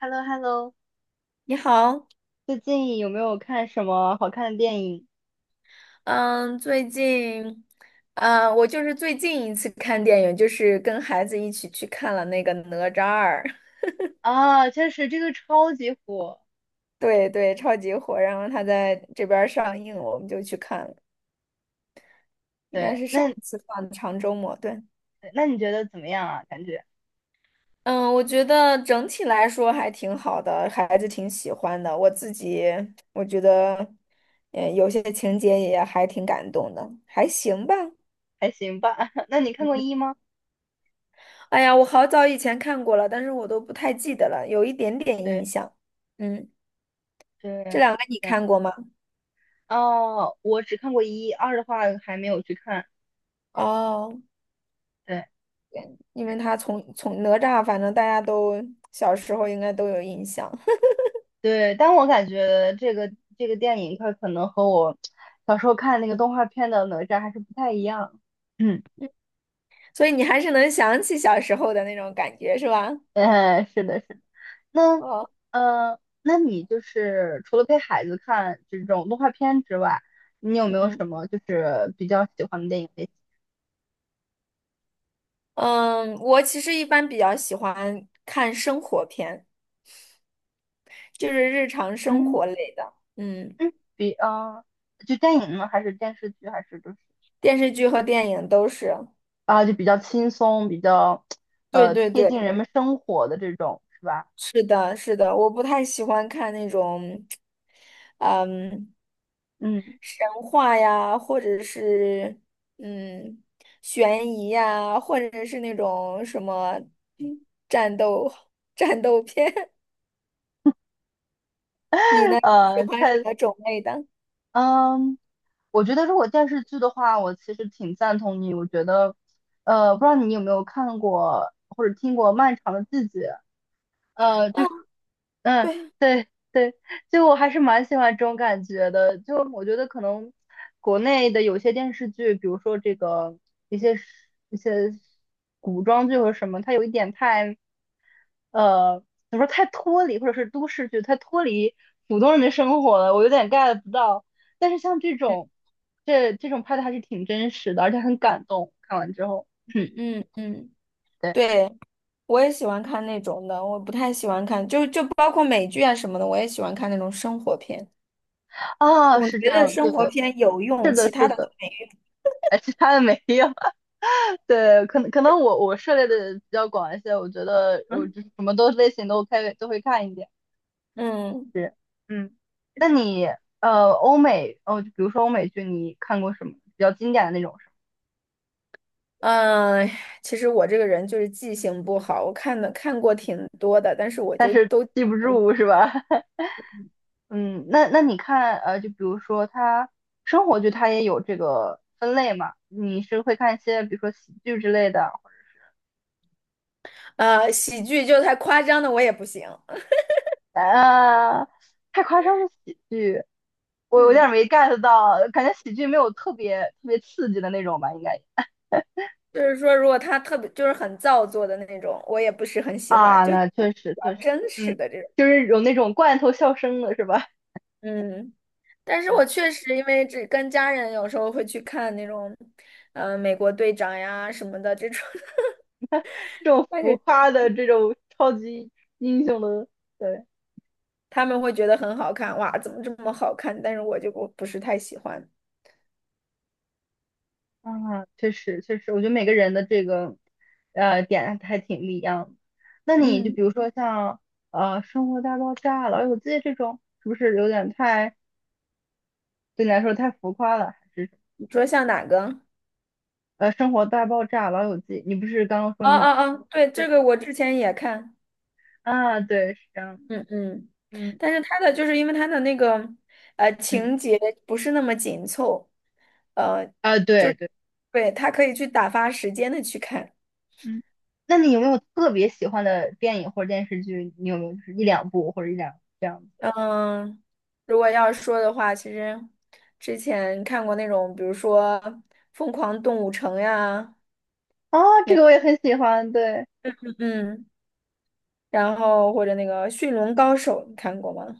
h e l l o h e l l o 你好，最近有没有看什么好看的电影？嗯，最近，我就是最近一次看电影，就是跟孩子一起去看了那个《哪吒二》，啊，确实这个超级火。对对，超级火，然后他在这边儿上映，我们就去看了，应该对，是上那一次放的长周末，对，那你觉得怎么样啊？感觉嗯，我觉得整体来说还挺好的，孩子挺喜欢的，我自己我觉得，有些情节也还挺感动的，还行吧。还行吧。那你看过一吗？哎呀，我好早以前看过了，但是我都不太记得了，有一点 点印对象。嗯，对，这两个你嗯，看过吗？哦，我只看过一，二的话还没有去看。哦，对对因为他从哪吒，反正大家都小时候应该都有印象，对，但我感觉这个电影它可能和我小时候看那个动画片的哪吒还是不太一样。嗯。所以你还是能想起小时候的那种感觉，是吧？哎，是的，是的。那哦，那你就是除了陪孩子看这种动画片之外，你有没有嗯什么就是比较喜欢的电影类型？嗯，我其实一般比较喜欢看生活片，就是日常生嗯活类的。嗯，嗯，就电影呢，还是电视剧，还是就是电视剧和电影都是。啊，就比较轻松，比较对对贴近对。人们生活的这种，是吧？是的，是的，我不太喜欢看那种，嗯，嗯，神话呀，或者是嗯，悬疑呀，或者是那种什么战斗 战斗片。你呢？你喜呃，欢什太么种类的？嗯，我觉得如果电视剧的话，我其实挺赞同你。我觉得不知道你有没有看过或者听过《漫长的季节》。就嗯，是嗯，对，对对，就我还是蛮喜欢这种感觉的。就我觉得可能国内的有些电视剧，比如说这个一些一些古装剧或者什么，它有一点太呃，怎么说太脱离，或者是都市剧太脱离普通人的生活了，我有点 get 不到。但是像这种拍的还是挺真实的，而且很感动。看完之后，嗯嗯，嗯嗯，嗯，对对，我也喜欢看那种的，我不太喜欢看，就包括美剧啊什么的，我也喜欢看那种生活片。啊，我是这觉得样，对，生活片有用，是的，其他是的都的，没哎，其他的没有。对，可能我涉猎的比较广一些，我觉得用。我就是什么都类型都 OK 都会看一点。嗯。是，嗯，那你欧美哦，就比如说欧美剧，你看过什么比较经典的那种是吧？嗯，其实我这个人就是记性不好，我看过挺多的，但是我就都记不住是吧？嗯，那你看就比如说它生活剧，它也有这个分类嘛？你是会看一些比如说喜剧之类的喜剧就太夸张的我也不行，啊？太夸张的喜剧，我有点嗯，没 get 到，感觉喜剧没有特别特别刺激的那种吧，应该。就是说如果他特别就是很造作的那种，我也不是很喜欢，啊，就比那确实确较实，真实嗯，的这种，就是有那种罐头笑声的是吧？嗯，但 是我对，确实因为只跟家人有时候会去看那种，美国队长呀什么的这种，这种但浮是夸的这种超级英雄的，对，他们会觉得很好看，哇，怎么这么好看？但是我就不是太喜欢，啊，确实确实，我觉得每个人的这个点还挺不一样的。那你就嗯，比如说像《生活大爆炸》哎《老友记》这种，是不是有点对你来说太浮夸了？还是什么你说像哪个？《生活大爆炸》哎《老友记》？你不是刚刚说啊你啊啊！对，这对个我之前也看，啊？对，是这样的，嗯嗯，嗯但是它的就是因为它的那个嗯，情节不是那么紧凑，呃，啊，就对是对。对，它可以去打发时间的去看。嗯，那你有没有特别喜欢的电影或者电视剧？你有没有就是一两部或者一两这样子？嗯，如果要是说的话，其实之前看过那种，比如说《疯狂动物城》呀，啊，这个我也很喜欢，对，嗯，然后或者那个《驯龙高手》，你看过吗？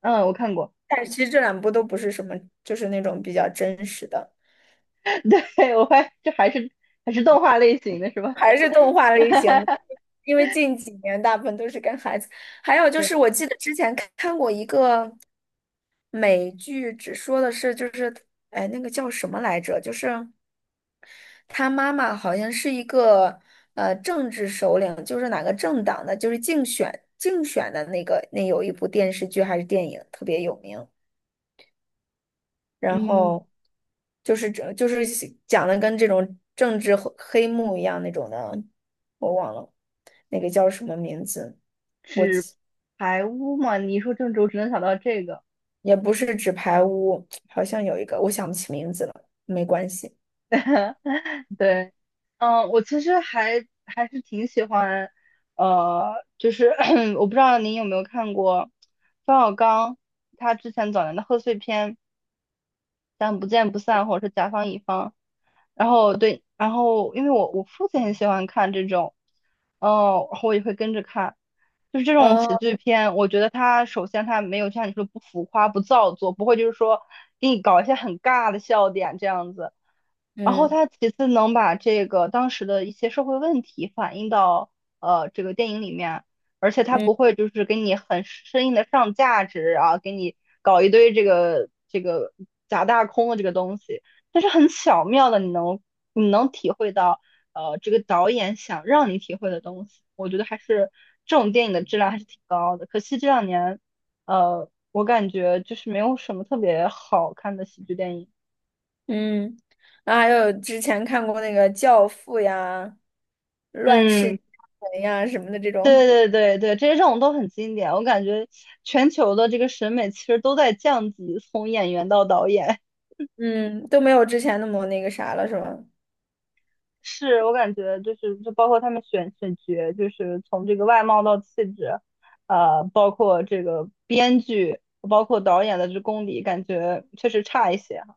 嗯，我看过，但是其实这两部都不是什么，就是那种比较真实的。对，我发现这还是动画类型的是吧？还是动画类型的，因为近几年大部分都是跟孩子。还有就对，是，我记得之前看过一个美剧，只说的是就是，哎，那个叫什么来着？就是他妈妈好像是一个政治首领，就是哪个政党的，就是竞选的那个，那有一部电视剧还是电影特别有名。然嗯，后就是这就是讲的跟这种政治黑幕一样那种的，我忘了那个叫什么名字，纸牌屋嘛，你一说郑州，我只能想到这个。也不是纸牌屋，好像有一个我想不起名字了，没关系。对，嗯，我其实还是挺喜欢，就是 我不知道您有没有看过冯小刚他之前早年的贺岁片。咱《不见不散》，或者是《甲方乙方》。然后对，然后因为我父亲很喜欢看这种，哦，然后我也会跟着看，就是这种喜哦，剧片，我觉得它首先它没有像你说不浮夸、不造作，不会就是说给你搞一些很尬的笑点这样子。然后嗯他其次能把这个当时的一些社会问题反映到这个电影里面，而且他嗯不会就是给你很生硬的上价值啊，给你搞一堆这个假大空的这个东西，但是很巧妙的你能体会到这个导演想让你体会的东西，我觉得还是这种电影的质量还是挺高的，可惜这两年我感觉就是没有什么特别好看的喜剧电影。嗯，然后还有之前看过那个《教父》呀，《乱世嗯，佳人》呀什么的这对种，对对对，这些这种都很经典。我感觉全球的这个审美其实都在降级，从演员到导演，嗯，都没有之前那么那个啥了，是吧？是我感觉就是就包括他们选角，就是从这个外貌到气质，包括这个编剧，包括导演的这功底，感觉确实差一些哈。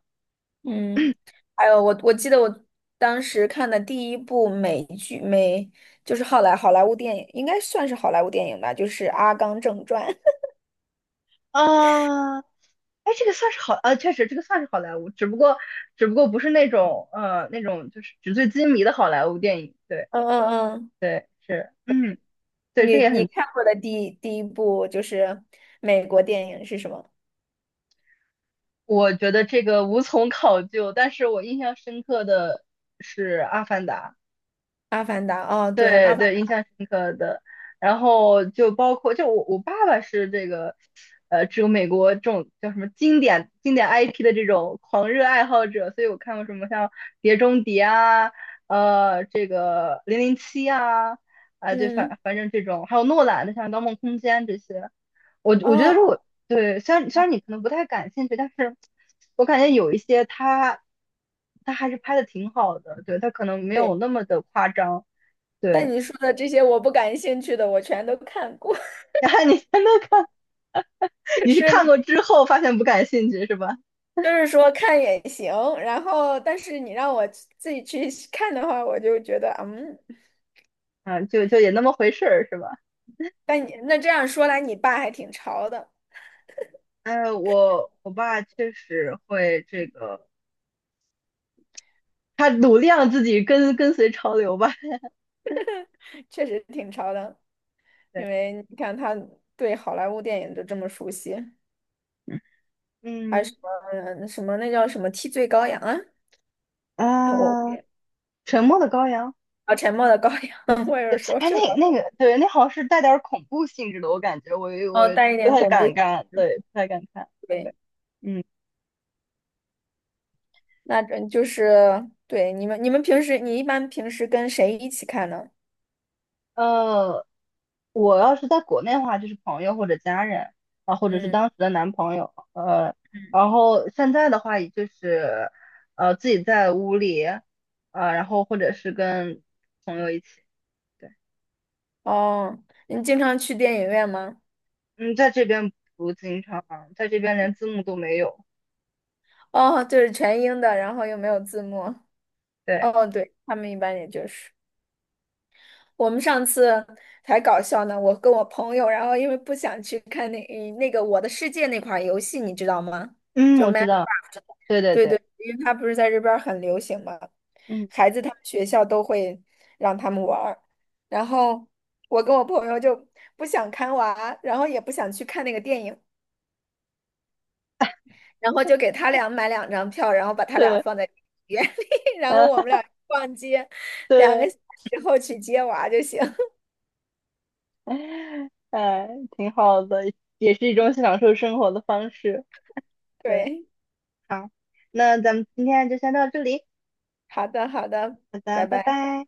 嗯，还有我记得我当时看的第一部美剧就是好莱坞电影，应该算是好莱坞电影吧，就是《阿甘正传》。啊，哎，这个算是好，确实这个算是好莱坞，只不过不是那种就是纸醉金迷的好莱坞电影。对 嗯嗯嗯，对是，嗯，对，这你个也你很。看过的第一部就是美国电影是什么？我觉得这个无从考究，但是我印象深刻的是《阿凡达》，《阿凡达》哦，对，对《阿凡》对，印象深刻的。然后就包括，就我爸爸是这个，只有美国这种叫什么经典 IP 的这种狂热爱好者，所以我看过什么像《碟中谍》啊，这个《零零七》啊，啊、对，嗯反正这种，还有诺兰的像《盗梦空间》这些，我觉得哦如果对，虽然你可能不太感兴趣，但是我感觉有一些他还是拍的挺好的，对，他可能没有对，那么的夸张，但对。你说的这些我不感兴趣的，我全都看过，然后你全都看，就你是看是过之后发现不感兴趣是吧？就是说看也行，然后但是你让我自己去看的话，我就觉得嗯。嗯，就也那么回事儿是吧？但你那这样说来，你爸还挺潮的，哎，我爸确实会这个，他努力让自己跟随潮流吧。确实挺潮的。因对，为你看他对好莱坞电影都这么熟悉，还有什嗯么什么那叫什么替罪羔羊啊？哎，我啊，沉默的羔羊。啊，沉默的羔羊，我有对，时候哎，就老那那个，对，那好像是带点儿恐怖性质的，我感觉我哦带一不点太恐怖。敢看，对，不太敢看。对，对，嗯，那这就是对你们，你们平时你一般平时跟谁一起看呢？呃，我要是在国内的话，就是朋友或者家人啊，或者是嗯当时的男朋友，嗯，然后现在的话，也就是自己在屋里，然后或者是跟朋友一起，对，哦，你经常去电影院吗？嗯，在这边不经常，在这边连字幕都没有，哦，就是全英的，然后又没有字幕。对，哦，对，他们一般也就是。我们上次才搞笑呢，我跟我朋友，然后因为不想去看那那个《我的世界》那款游戏，你知道吗？嗯，就 我 m 知 a 道，对对对对，对，因为它不是在这边儿很流行嘛，嗯，孩子他们学校都会让他们玩儿。然后我跟我朋友就不想看娃，然后也不想去看那个电影，然后就给他俩买两张票，然后把他俩对，放在 电影院 里，然后啊，我们俩逛街，两对。个小时后去接娃就行。哎，挺好的，也是一种享受生活的方式。对，对。好，那咱们今天就先到这里，好的，好的，好拜的，拜拜。拜。